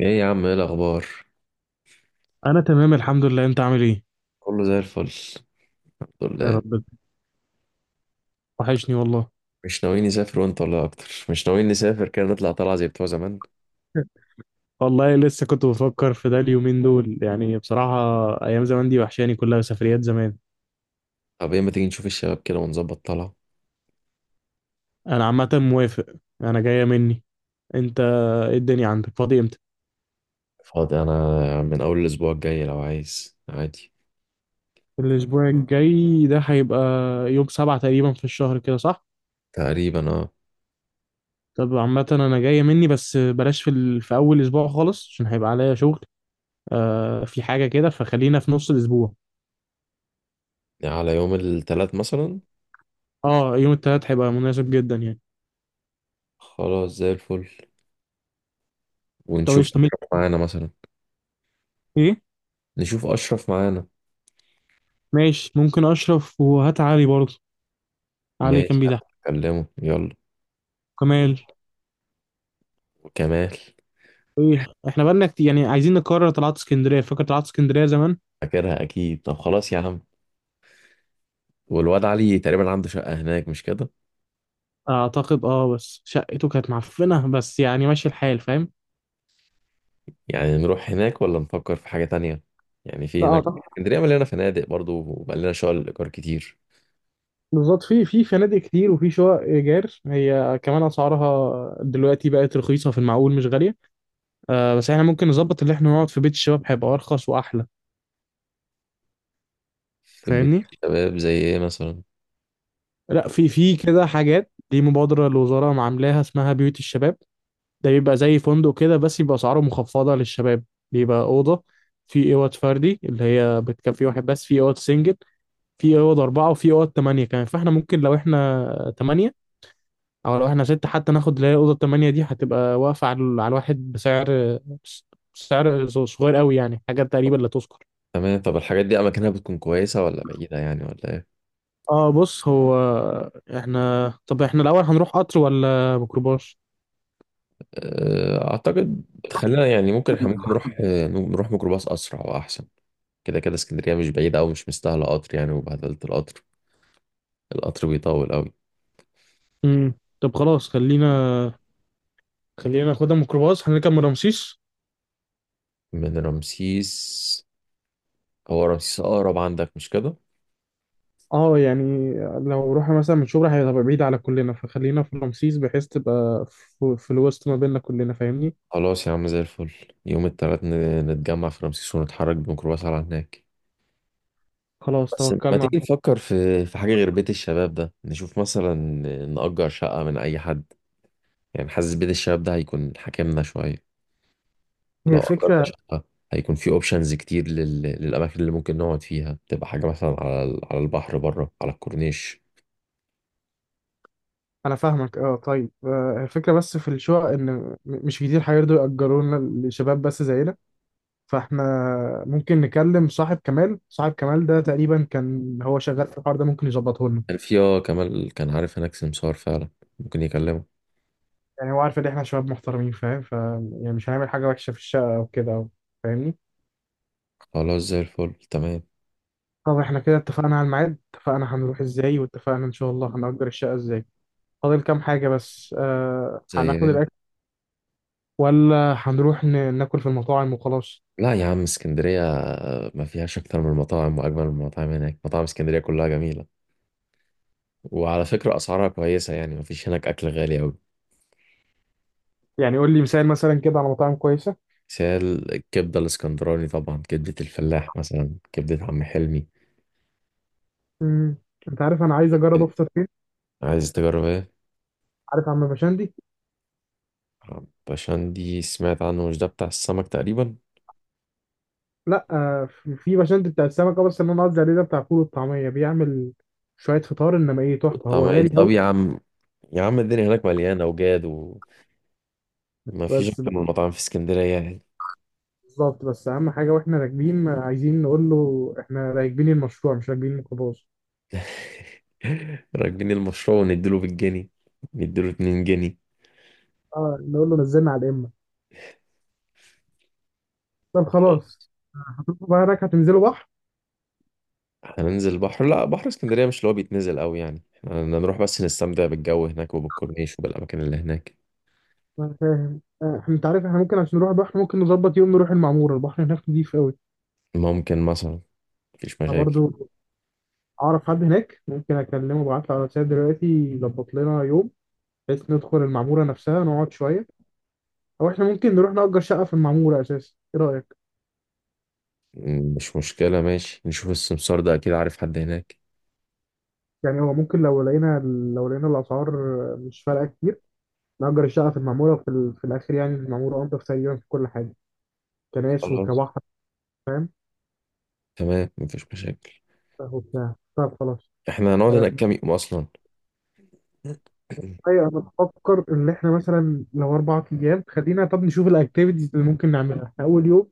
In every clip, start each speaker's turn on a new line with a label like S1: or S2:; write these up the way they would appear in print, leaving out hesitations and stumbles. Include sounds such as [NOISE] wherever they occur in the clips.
S1: ايه يا عم، ايه الاخبار؟
S2: انا تمام، الحمد لله. انت عامل ايه؟
S1: كله زي الفل، الحمد
S2: يا
S1: لله.
S2: رب. وحشني والله.
S1: مش ناويين نسافر وانت ولا اكتر مش ناويين نسافر كده، نطلع طلعه زي بتوع زمان؟
S2: [LAUGHS] والله لسه كنت بفكر في ده اليومين دول، يعني بصراحة. ايام زمان دي وحشاني، كلها سفريات زمان.
S1: طب ايه، ما تيجي نشوف الشباب كده ونظبط طلعه.
S2: انا عامة موافق. انا جاية مني. انت؟ ايه الدنيا، عندك فاضي امتى؟
S1: فاضي انا من اول الاسبوع الجاي لو عايز، عادي.
S2: الاسبوع الجاي ده هيبقى يوم سبعة تقريبا في الشهر، كده صح؟
S1: تقريبا اه.
S2: طب عامة انا جاية مني، بس بلاش في اول اسبوع خالص عشان هيبقى عليا شغل. آه، في حاجة كده فخلينا في نص الاسبوع.
S1: يعني على يوم الثلاث مثلا.
S2: اه، يوم التلات هيبقى مناسب جدا يعني.
S1: خلاص زي الفل،
S2: طب
S1: ونشوف
S2: ايش طب
S1: اشرف معانا مثلا.
S2: ايه؟
S1: نشوف اشرف معانا.
S2: ماشي، ممكن اشرف وهات علي برضه. علي
S1: ماشي،
S2: كان بيضحك.
S1: هكلمه يلا.
S2: كمال.
S1: وكمال.
S2: إيه، احنا بقالنا كتير يعني، عايزين نكرر طلعت اسكندريه. فاكر طلعت اسكندريه زمان؟
S1: فاكرها اكيد، طب خلاص يا عم. والواد علي تقريبا عنده شقه هناك، مش كده؟
S2: اعتقد، بس شقته كانت معفنه، بس يعني ماشي الحال، فاهم؟
S1: يعني نروح هناك ولا نفكر في حاجة تانية؟ يعني
S2: لا
S1: في هناك
S2: اعتقد.
S1: اسكندرية مليانة فنادق برضو، وبقى لنا شغل الإيجار كتير.
S2: بالظبط، في فنادق كتير وفي شقق ايجار، هي كمان اسعارها دلوقتي بقت رخيصه، في المعقول مش غاليه. آه، بس احنا ممكن نظبط اللي احنا نقعد في بيت الشباب، هيبقى ارخص واحلى.
S1: في بيت
S2: فاهمني؟
S1: الشباب زي إيه مثلا؟
S2: لا، في كده حاجات دي مبادره الوزاره عاملاها، اسمها بيوت الشباب. ده بيبقى زي فندق كده، بس يبقى اسعاره مخفضه للشباب. بيبقى اوضه. في اوض فردي اللي هي بتكفي في واحد بس، في اوض سنجل. في اوض اربعه وفي اوض ثمانيه كمان، فاحنا ممكن لو احنا ثمانيه، او لو احنا سته حتى، ناخد اللي هي الاوضه الثمانيه دي، هتبقى واقفه على الواحد بسعر سعر صغير قوي، يعني حاجه تقريبا لا تذكر.
S1: تمام، طب الحاجات دي أماكنها بتكون كويسة ولا بعيدة يعني، ولا إيه؟
S2: اه بص، هو احنا الاول هنروح قطر ولا ميكروباص؟
S1: أعتقد خلينا يعني، ممكن إحنا ممكن نروح، نروح ميكروباص أسرع وأحسن. كده كده اسكندرية مش بعيدة، أو مش مستاهلة قطر يعني، وبهدلة القطر. القطر بيطول أوي.
S2: امم طب خلاص، خلينا ناخدها ميكروباص، هنركب من رمسيس.
S1: من رمسيس. هو رمسيس أقرب عندك، مش كده؟
S2: اه يعني، لو رحنا مثلا من شبرا هيبقى بعيد على كلنا، فخلينا في رمسيس بحيث تبقى في الوسط ما بيننا كلنا، فاهمني؟
S1: خلاص يا عم زي الفل. يوم التلات نتجمع في رمسيس ونتحرك بميكروباص على هناك.
S2: خلاص.
S1: بس ما تيجي نفكر في حاجة غير بيت الشباب ده، نشوف مثلا نأجر شقة من أي حد. يعني حاسس بيت الشباب ده هيكون حاكمنا شوية.
S2: هي
S1: لو أجرنا
S2: الفكرة.
S1: شقة هيكون في أوبشنز كتير للأماكن اللي ممكن نقعد فيها، تبقى حاجة مثلا على على البحر بره على الكورنيش.
S2: أنا فاهمك. أه، طيب. الفكرة بس في الشقق إن مش كتير هيرضوا يأجرونا لشباب بس زينا. فإحنا ممكن نكلم صاحب كمال ده، تقريبا كان هو شغال في الحوار ده، ممكن يظبطه لنا.
S1: كان في اه، كمال كان عارف هناك سمسار فعلا، ممكن يكلمه.
S2: يعني هو عارف إن إحنا شباب محترمين، فاهم؟ يعني مش هنعمل حاجة وحشة في الشقة أو كده أو. فاهمني؟
S1: خلاص زي الفل، تمام.
S2: طب احنا كده اتفقنا على الميعاد، اتفقنا هنروح ازاي، واتفقنا ان شاء الله هنأجر الشقة ازاي. فاضل كام حاجة بس،
S1: زي.
S2: هناخد الأكل ولا هنروح ناكل في المطاعم وخلاص؟
S1: لا يا عم، اسكندرية ما فيهاش أكتر من المطاعم وأجمل من المطاعم، هناك مطاعم اسكندرية كلها جميلة. وعلى فكرة أسعارها كويسة يعني، ما فيش هناك أكل غالي أوي.
S2: يعني قول لي مثال مثلا كده على مطاعم كويسة.
S1: بس هي الكبدة الاسكندراني طبعا، كبدة الفلاح مثلا، كبدة عم حلمي.
S2: امم انت عارف انا عايز اجرب افطر فين؟
S1: عايز تجرب ايه؟
S2: عارف عم بشندي؟
S1: بشندي سمعت عنه، مش ده بتاع السمك تقريبا؟
S2: لا، في بشندي بتاع السمك، بس اللي انا قصدي عليه ده بتاع فول والطعمية، بيعمل شوية فطار، انما ايه تحفة،
S1: طب
S2: هو
S1: إيه؟
S2: غالي
S1: طب
S2: قوي.
S1: يا عم، يا عم الدنيا هناك مليانة وجاد، وما فيش
S2: بس،
S1: أكتر من المطاعم في اسكندرية يعني.
S2: بالظبط، بس اهم حاجة، واحنا راكبين عايزين نقول له احنا راكبين المشروع مش راكبين الميكروباص.
S1: [LAUGHS] راكبين المشروع ونديله بالجنيه، نديله اتنين جنيه.
S2: اه، نقول له نزلنا على الامه. طب خلاص. هتروحوا بقى هناك، هتنزلوا بحر؟
S1: احنا ننزل البحر؟ لا، بحر اسكندرية مش اللي هو بيتنزل قوي يعني، احنا نروح بس نستمتع بالجو هناك وبالكورنيش وبالأماكن اللي هناك.
S2: انا فاهم. آه، احنا، انت عارف، احنا ممكن عشان نروح البحر، ممكن نظبط يوم نروح المعموره، البحر هناك نضيف قوي.
S1: ممكن مثلا، مفيش
S2: انا
S1: مشاكل.
S2: برضو اعرف حد هناك، ممكن اكلمه ابعت له على واتساب دلوقتي، يظبط لنا يوم، بحيث ندخل المعموره نفسها، نقعد شويه. او احنا ممكن نروح نأجر شقه في المعموره اساسا، ايه رايك؟
S1: مش مشكلة، ماشي، نشوف السمسار ده أكيد عارف حد هناك.
S2: يعني هو ممكن لو لقينا الاسعار مش فارقه كتير، نأجر الشقه في المعموره في الاخر، يعني المعموره انضف تقريبا في كل حاجه، كناس
S1: خلاص
S2: وكبحر.
S1: تمام، مفيش مشاكل.
S2: وبتاع. طب خلاص.
S1: احنا هنقعد هناك كام يوم أصلا؟ [CLEARS THROAT]
S2: ايوه، انا بفكر ان احنا مثلا لو اربع ايام، خلينا طب نشوف الاكتيفيتيز اللي ممكن نعملها. احنا اول يوم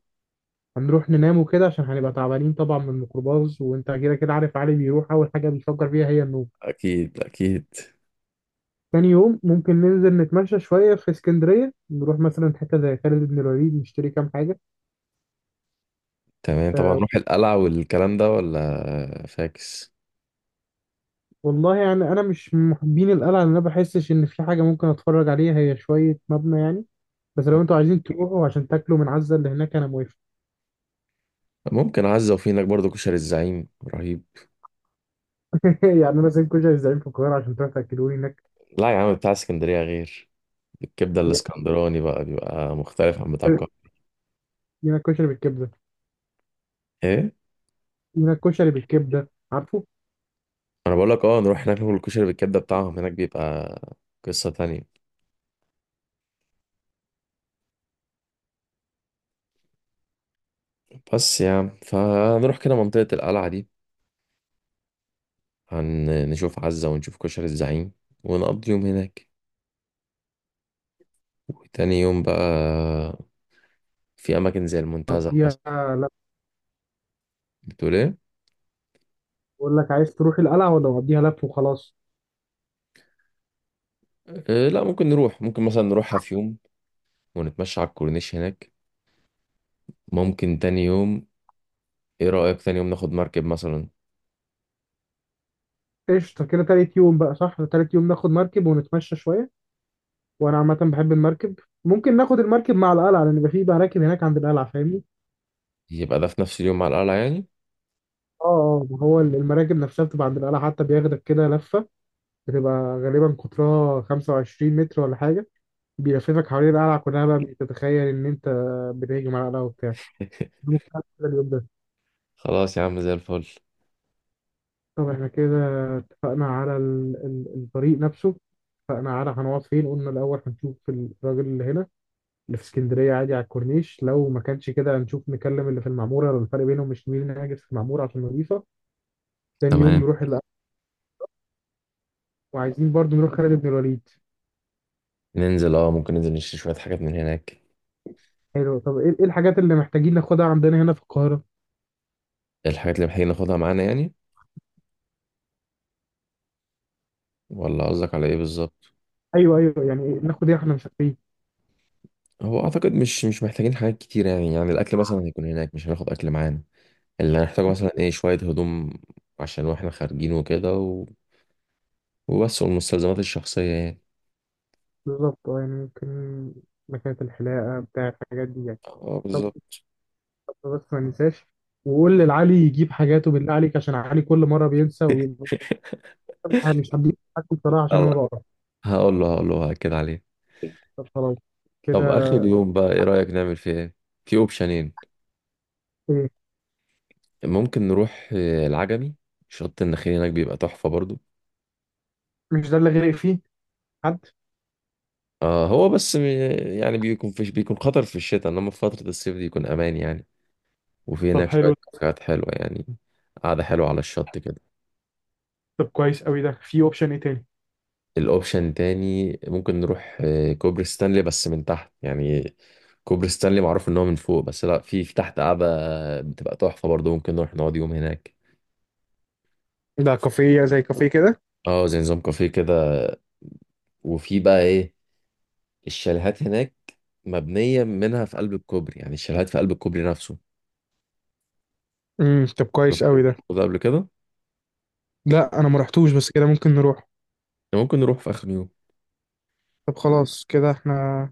S2: هنروح ننام وكده، عشان هنبقى تعبانين طبعا من الميكروباص، وانت كده كده عارف، علي بيروح اول حاجه بيفكر فيها هي النوم.
S1: أكيد أكيد.
S2: تاني يوم ممكن ننزل نتمشى شويه في اسكندريه، نروح مثلا حته زي خالد بن الوليد، نشتري كام حاجه.
S1: تمام، طبعا نروح القلعة والكلام ده، ولا فاكس؟
S2: والله يعني انا مش من محبين القلعه، لان انا بحسش ان في حاجه ممكن اتفرج عليها، هي شويه مبنى يعني. بس لو انتوا عايزين تروحوا عشان تاكلوا من عزة اللي هناك، انا موافق.
S1: ممكن عزة، وفي هناك برضه كشري الزعيم، رهيب.
S2: [LAUGHS] يعني انا زي كل زعيم في القاهره عشان تروح تاكلوني هناك.
S1: لا يا عم، بتاع اسكندرية غير، الكبده الاسكندراني بقى بيبقى مختلف عن بتاع القاهره.
S2: لينا الكشري بالكبده؟
S1: ايه؟
S2: لينا الكشري بالكبده، عارفه؟
S1: انا بقول لك، اه نروح هناك ناكل الكشري بالكبده بتاعهم، هناك بيبقى قصه تانية. بس يعني فنروح كده منطقه القلعه دي، هنشوف عزه ونشوف كشري الزعيم، ونقضي يوم هناك. وتاني يوم بقى، في اماكن زي المنتزه مثلا.
S2: قضيها. لف.
S1: بتقول ايه؟
S2: بقول لك، عايز تروح القلعه ولا نقضيها لف وخلاص؟
S1: لا، ممكن نروح، ممكن مثلا نروحها في يوم، ونتمشى على الكورنيش هناك. ممكن تاني يوم، ايه رأيك تاني يوم ناخد مركب مثلا؟
S2: قشطه كده، تالت يوم بقى، صح؟ تالت يوم ناخد مركب ونتمشى شويه، وانا عامه بحب المركب. ممكن ناخد المركب مع القلعه، لان يبقى في مراكب هناك عند القلعه، فاهمني؟
S1: يبقى ده في نفس اليوم على القلعة يعني.
S2: اه، اه، ما هو المراكب نفسها بتبقى عند القلعه، حتى بياخدك كده لفه. بتبقى غالبا قطرها 25 متر ولا حاجه، بيلففك حوالين القلعه كلها، بقى بتتخيل ان انت بتهجم على القلعه وبتاع. ده
S1: [LAUGHS]
S2: ممكن نعمل كده اليوم ده.
S1: خلاص يا عم زي الفل.
S2: طب احنا كده اتفقنا على الطريق نفسه، اتفقنا على هنقعد فين، قلنا الأول هنشوف الراجل اللي هنا اللي في اسكندرية عادي على الكورنيش، لو ما كانش كده هنشوف نكلم اللي في المعمورة، لو الفرق بينهم مش، مين هاجس في المعمورة عشان نضيفة. تاني يوم
S1: تمام،
S2: نروح وعايزين برضو نروح خالد بن الوليد.
S1: ننزل، اه ممكن ننزل نشتري شوية حاجات من هناك.
S2: حلو. طب إيه الحاجات اللي محتاجين ناخدها عندنا هنا في القاهرة؟
S1: الحاجات اللي محتاجين ناخدها معانا يعني، ولا قصدك على ايه بالظبط؟
S2: أيوه، أيوه، يعني إيه ناخد، ايه احنا مسافرين؟
S1: هو اعتقد مش محتاجين حاجات كتير يعني، يعني الاكل مثلا هيكون هناك، مش هناخد اكل معانا. اللي هنحتاجه مثلا ايه؟ شوية هدوم عشان واحنا خارجين وكده و... وبس، والمستلزمات الشخصية يعني.
S2: بالظبط، يعني ممكن مكانة الحلاقة، بتاع الحاجات دي يعني.
S1: اه
S2: طب
S1: بالظبط.
S2: طب بس ما ننساش، وقول للعلي يجيب حاجاته بالله عليك، عشان علي كل مرة بينسى وبيبقى. أنا مش هديك حد بصراحة، عشان أنا
S1: يلا،
S2: بقرا.
S1: هقول له هأكد عليه.
S2: طب خلاص كده.
S1: طب آخر يوم بقى إيه رأيك نعمل فيه إيه؟ في أوبشنين.
S2: إيه؟
S1: ممكن نروح العجمي، شط النخيل هناك بيبقى تحفة برضو.
S2: مش ده اللي غرق فيه حد؟
S1: آه هو بس يعني بيكون فيش، بيكون خطر في الشتاء، انما في فترة الصيف دي يكون امان يعني. وفي
S2: طب
S1: هناك شوية
S2: حلو.
S1: كافيهات حلوة يعني، قعدة حلوة على الشط كده.
S2: طب كويس قوي ده، في أوبشن إيه تاني؟
S1: الاوبشن تاني ممكن نروح كوبري ستانلي، بس من تحت يعني. كوبري ستانلي معروف ان هو من فوق، بس لا، في تحت قعدة بتبقى تحفة برضه، ممكن نروح نقعد يوم هناك.
S2: ده كافيه زي كافيه كده؟
S1: اه زي نظام كافيه كده. وفي بقى ايه، الشاليهات هناك مبنية منها في قلب الكوبري، يعني الشاليهات في قلب الكوبري نفسه.
S2: طب كويس
S1: شفت
S2: قوي
S1: انت
S2: ده.
S1: الموضوع ده قبل كده؟
S2: لا، أنا ما رحتوش، بس كده ممكن نروح.
S1: ممكن نروح في اخر يوم.
S2: طب خلاص. كده إحنا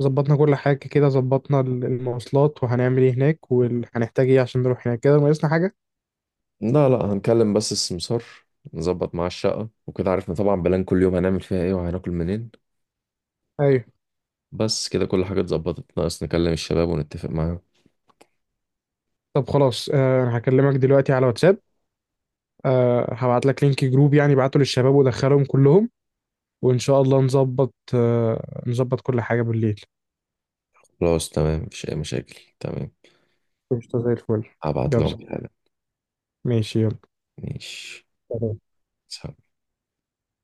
S2: ظبطنا كل حاجة، كده ظبطنا المواصلات وهنعمل إيه هناك وهنحتاج إيه عشان نروح هناك، كده ناقصنا حاجة؟
S1: لا لا، هنكلم بس السمسار، نظبط معاه الشقة وكده، عرفنا طبعا بلان كل يوم هنعمل فيها ايه وهناكل منين.
S2: أيوه.
S1: بس كده كل حاجة اتظبطت، ناقص نكلم الشباب ونتفق معاهم.
S2: طب خلاص. أنا هكلمك دلوقتي على واتساب. هبعت لك لينك جروب، يعني بعته للشباب ودخلهم كلهم. وإن شاء الله نظبط كل حاجة بالليل.
S1: خلاص تمام، مفيش أي مشاكل، تمام.
S2: قشطة زي الفل.
S1: هبعت
S2: يلا.
S1: لهم الحاجة.
S2: ماشي، يلا.
S1: ماشي. سلام.